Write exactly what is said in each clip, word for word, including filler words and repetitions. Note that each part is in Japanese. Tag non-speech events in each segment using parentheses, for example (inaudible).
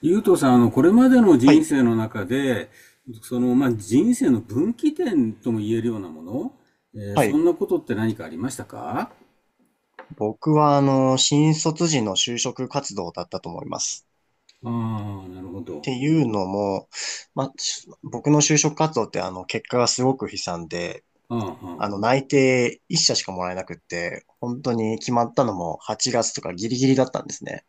ゆうとさん、あの、これまでのは人い。生の中で、その、まあ、人生の分岐点とも言えるようなもの、えーはそい。んなことって何かありましたか？僕は、あの、新卒時の就職活動だったと思います。ああ、なるほっど。ていうのも、まあ、し僕の就職活動って、あの、結果がすごく悲惨で、あああ、あの、あ、内定いっしゃ社しかもらえなくって、本当に決まったのもはちがつとかギリギリだったんですね。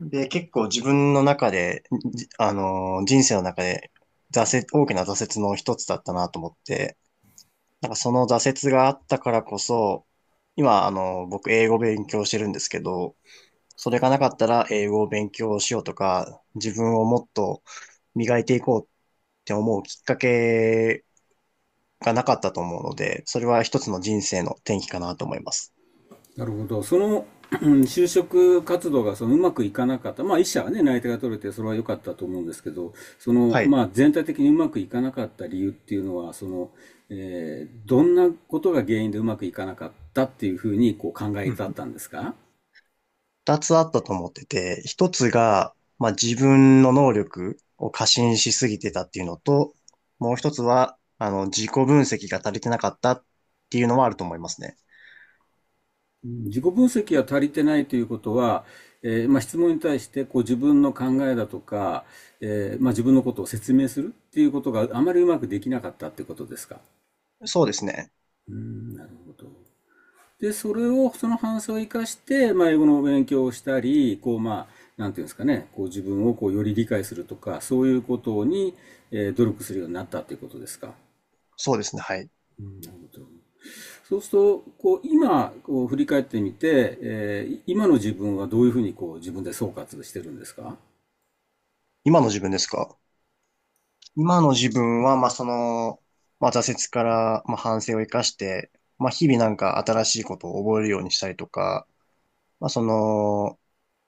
で、結構自分の中で、じあの、人生の中で、挫折、大きな挫折の一つだったなと思って、なんかその挫折があったからこそ、今、あの、僕英語勉強してるんですけど、それがなかったら英語を勉強しようとか、自分をもっと磨いていこうって思うきっかけがなかったと思うので、それは一つの人生の転機かなと思います。なるほど。その、うん、就職活動がそのうまくいかなかった。まあ、一社はね、内定が取れて、それは良かったと思うんですけど、その、はい。まあ、全体的にうまくいかなかった理由っていうのは、その、えーどんなことが原因でうまくいかなかったっていうふうに、こう、考えうんたうっん。たんですか？二つあったと思ってて、一つが、まあ、自分の能力を過信しすぎてたっていうのと、もう一つは、あの、自己分析が足りてなかったっていうのはあると思いますね。自己分析が足りてないということは、えーまあ、質問に対してこう自分の考えだとか、えーまあ、自分のことを説明するっていうことがあまりうまくできなかったってことですか？そうですね。うーん、なるほど。で、それを、その反省を生かして、まあ、英語の勉強をしたり、こう、まあ、なんていうんですかね、こう自分をこうより理解するとか、そういうことに、えー努力するようになったということですか？そうですね。はい。うん、なるほど。そうすると、こう、今、こう、振り返ってみて、えー今の自分はどういうふうに、こう、自分で総括してるんですか？今の自分ですか？今の自分は、まあ、その、まあ、挫折から、まあ、反省を生かして、まあ、日々なんか新しいことを覚えるようにしたりとか、まあ、その、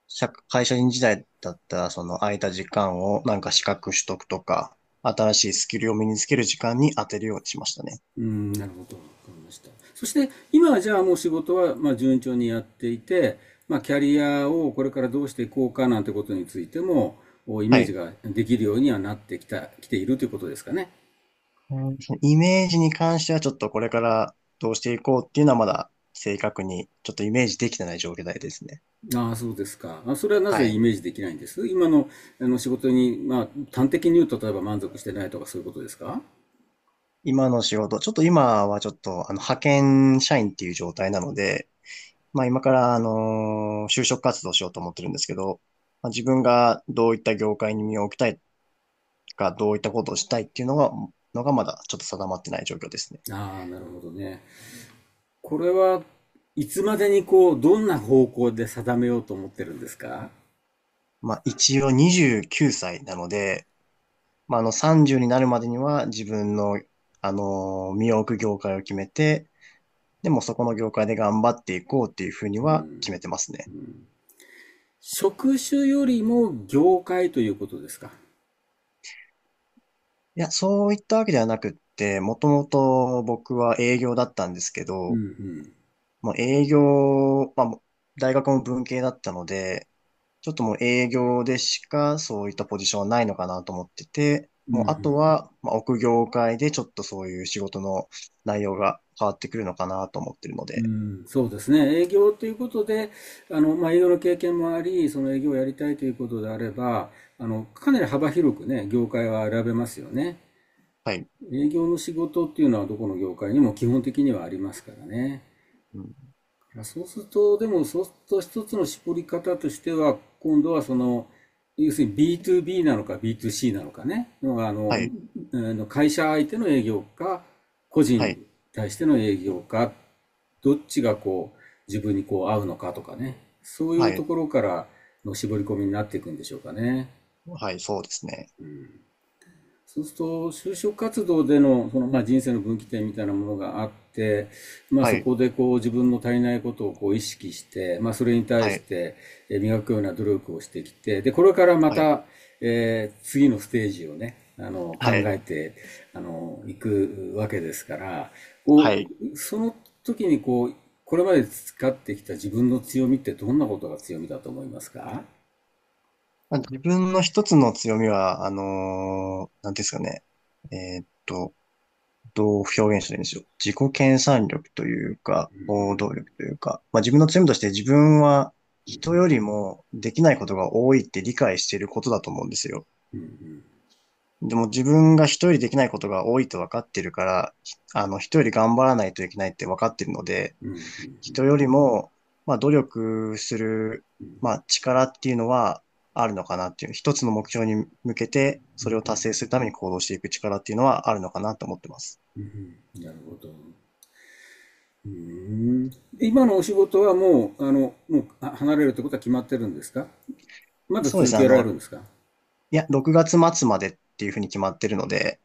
社会社員時代だったら、その空いた時間をなんか資格取得とか、新しいスキルを身につける時間に当てるようにしましたね。うん、なるほど。わかりました。そして、今はじゃあもう仕事は、まあ、順調にやっていて、まあ、キャリアをこれからどうしていこうかなんてことについても、おイメはージい。ができるようにはなってきた、きているということですかね？うん、そのイメージに関してはちょっとこれからどうしていこうっていうのはまだ正確にちょっとイメージできてない状態ですね。ああ、そうですか。あ、それはなはぜイい。メージできないんです今の、あの仕事に、まあ、端的に言うと、例えば満足してないとかそういうことですか？今の仕事、ちょっと今はちょっと、あの、派遣社員っていう状態なので、まあ今から、あのー就職活動しようと思ってるんですけど、まあ、自分がどういった業界に身を置きたいか、どういったことをしたいっていうのが、のがまだちょっと定まってない状況ですね。ああ、なるほどね。これはいつまでにこう、どんな方向で定めようと思ってるんですか？まあ一応にじゅうきゅうさいなので、まああのさんじゅうになるまでには自分の、あのー身を置く業界を決めて、でもそこの業界で頑張っていこうっていうふうには決めてますね。職種よりも業界ということですか？いや、そういったわけではなくって、もともと僕は営業だったんですけうんうど、ん。もう営業、まあ、もう大学も文系だったので、ちょっともう営業でしかそういったポジションはないのかなと思ってて、うんうもうあとん。は、まあ、奥業界でちょっとそういう仕事の内容が変わってくるのかなと思ってるのうで、ん、そうですね。営業ということで、あの、まあ、営業の経験もあり、その営業をやりたいということであれば、あの、かなり幅広くね、業界は選べますよね。はい、営業の仕事っていうのはどこの業界にも基本的にはありますからね。うん、まあそうすると、でもそうすると、一つの絞り方としては、今度はその、要するに ビーツービー なのか ビーツーシー なのかね、のがあはの、い、あの会社相手の営業か、個人はにい、対しての営業か、どっちがこう、自分にこう合うのかとかね、そういはうとい、ころからの絞り込みになっていくんでしょうかね？はい、そうですね。そうすると、就職活動での、その、まあ、人生の分岐点みたいなものがあって、まあ、はそい、こでこう自分の足りないことをこう意識して、まあ、それに対はしい、てえー磨くような努力をしてきて、で、これからまはい、た、えー次のステージをね、あの、は考い、えて、あの、いくわけですから、こはい。う、その時にこう、これまで培ってきた自分の強みってどんなことが強みだと思いますか？まあ自分の一つの強みは、あのーなんていうんですかね。えーっと、どう表現したらいいんでしょう。自己研鑽力というか、行動力というか、まあ自分の強みとして自分は人よりもできないことが多いって理解していることだと思うんですよ。でも自分が人よりできないことが多いと分かってるから、あの、人より頑張らないといけないって分かってるので、うん。人よりも、まあ、努力する、まあ、力っていうのはあるのかなっていう、一つの目標に向けて、それを達成するために行動していく力っていうのはあるのかなと思ってます。なるほど。うん、今のお仕事はもう、あの、もうあ離れるってことは決まってるんですか？まだそうで続すね、あけられの、るんですか？いや、ろくがつ末までっていうふうに決まってるので、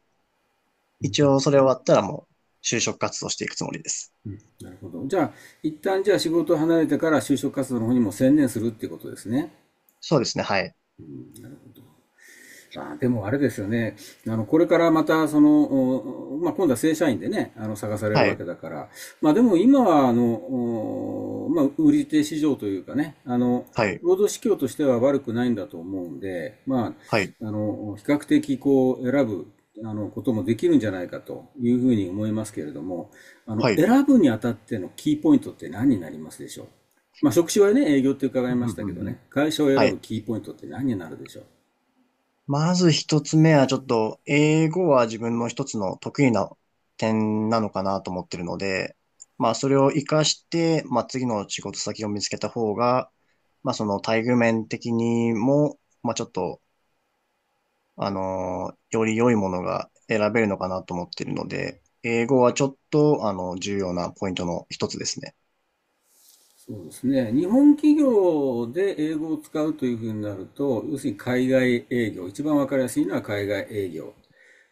一応それ終わったらもう就職活動していくつもりです。なるほど。じゃあ、一旦じゃあ仕事を離れてから就職活動の方にも専念するっていうことですね。そうですね、はい。まあ、でもあれですよね。あの、これからまた、その、まあ、今度は正社員でね、あの、探されるはわい、けだから。まあ、でも今は、あの、まあ、売り手市場というかね、あの、はい、労働市況としては悪くないんだと思うんで、まはい、あ、あの、比較的こう、選ぶ、あの、こともできるんじゃないかというふうに思いますけれども、あの、はい。選ぶにあたってのキーポイントって何になりますでしょう？まあ、職種はね、営業って伺ういんまうしんたけうどんうん。ね、会社を選はぶい。キーポイントって何になるでしょう？まず一つ目はちょっと、英語は自分の一つの得意な点なのかなと思ってるので、まあそれを活かして、まあ次の仕事先を見つけた方が、まあその待遇面的にも、まあちょっと、あのーより良いものが選べるのかなと思ってるので、英語はちょっと、あの、重要なポイントの一つですね。そうですね。日本企業で英語を使うというふうになると、要するに海外営業、一番わかりやすいのは海外営業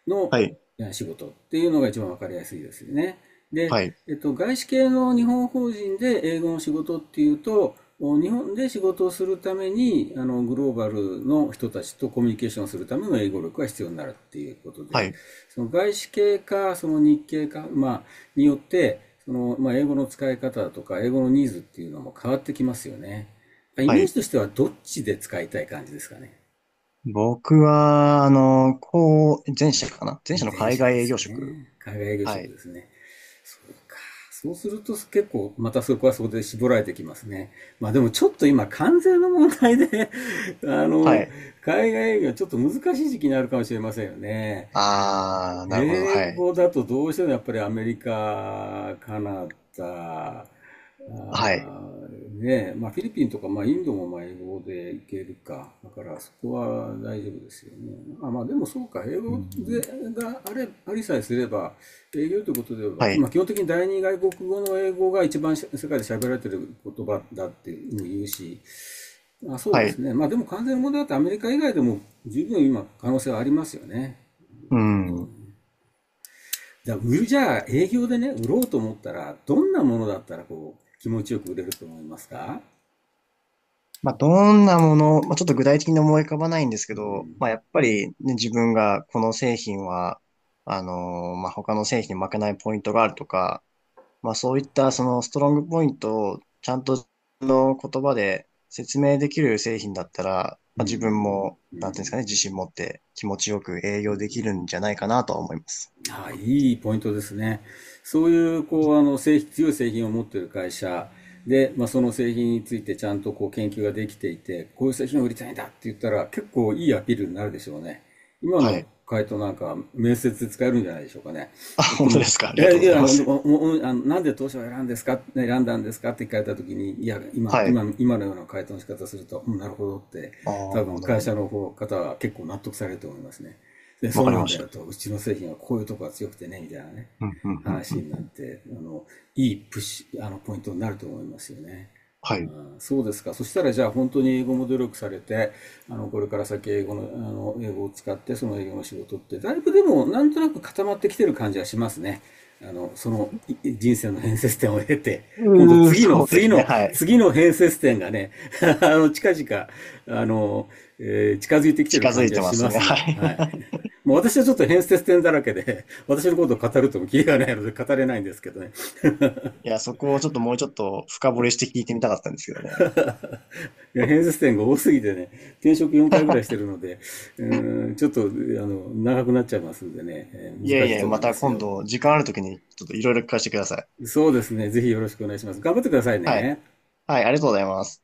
のはい、仕事っていうのが一番分かりやすいですよね。で、はい、えっと、外資系の日本法人で英語の仕事っていうと、お日本で仕事をするためにあのグローバルの人たちとコミュニケーションするための英語力が必要になるっていうことはで、い、その外資系かその日系か、まあ、によってその、まあ、英語の使い方とか英語のニーズっていうのも変わってきますよね？イはメーい。ジとしてはどっちで使いたい感じですかね？僕は、あの、こう、前者かな前者の前海者外で営す業職。ね。海外営業は職い。ですね。そうか。そうすると結構またそこはそこで絞られてきますね。まあでもちょっと今関税の問題で (laughs) あはの、い。海外営業はちょっと難しい時期になるかもしれませんよね。ああ、なるほど。英はい。語だとどうしてもやっぱりアメリカ、カナダ、あはい。ーねえ、まあフィリピンとか、まあインドもまあ英語でいけるか。だからそこは大丈夫ですよね。まあまあでもそうか。英う語でん、があれ、ありさえすれば、英語ということでは、はい。まあ基本的に第二外国語の英語が一番世界で喋られてる言葉だっていうふうに言うし、まあ、そはうですい。ね。まあでも完全な問題だってアメリカ以外でも十分今可能性はありますよね。うん。じゃあ、売る、じゃあ、営業でね、売ろうと思ったら、どんなものだったら、こう、気持ちよく売れると思いますか？まあ、どんなもの、まあ、ちょっと具体的に思い浮かばないんですけど、まあ、やっぱり、ね、自分がこの製品は、あのーまあ、他の製品に負けないポイントがあるとか、まあ、そういったそのストロングポイントをちゃんとの言葉で説明できる製品だったら、うまあ、自分ん。も、なんていうんですかね、自信持って気持ちよく営業できるんじゃないかなとは思います。はい、いいポイントですね。そういう、こう、あの、製品、強い製品を持っている会社で、まあ、その製品についてちゃんとこう研究ができていて、こういう製品を売りたいんだって言ったら、結構いいアピールになるでしょうね。今はのい。回答なんか、面接で使えるんじゃないでしょうかね。あ、とって本当も、ですか。ありがえ、とういござや、いあまのす。おおあのなんで当社を選んですか、ね選んだんですかって聞かれたときに、いや、今、はい。今、今のような回答の仕方をすると、うん、なるほどって、あ多あ、分なる会ほど。社の方、方は結構納得されると思いますね。で、わそうかりなんまだしよた。と、うちの製品はこういうとこが強くてね、みたいなね、うん、うん、うん、話になっうん。て、あの、いいプッシュ、あの、ポイントになると思いますよね。うはい。ん、そうですか。そしたら、じゃあ本当に英語も努力されて、あの、これから先英語の、あの、英語を使って、その英語の仕事って、だいぶでも、なんとなく固まってきてる感じはしますね。あの、そのい人生の変節点を経て、今度うー、次の、そうで次すね。の、はい。次の変節点がね、(laughs) あの、近々、あの、えー近づいてきてる近づ感いじはてましすまね。すはね。い。(laughs) はい。もう私はちょっと変節点だらけで、(laughs) 私のことを語るともキリがないので語れないんですけどね。いや、そこをちょっともうちょっと深掘りして聞いてみたかったんですけどね。いや、変節 (laughs) 点が多すぎてね、転職よんかいぐらいしてるので、うん、ちょっと、あの、長くなっちゃいますんでね。いや難いしいや、と思まいまたす今よ。度時間あるときにちょっといろいろ聞かせてください。そうですね。ぜひよろしくお願いします。頑張ってくださいはい。ね。はい、ありがとうございます。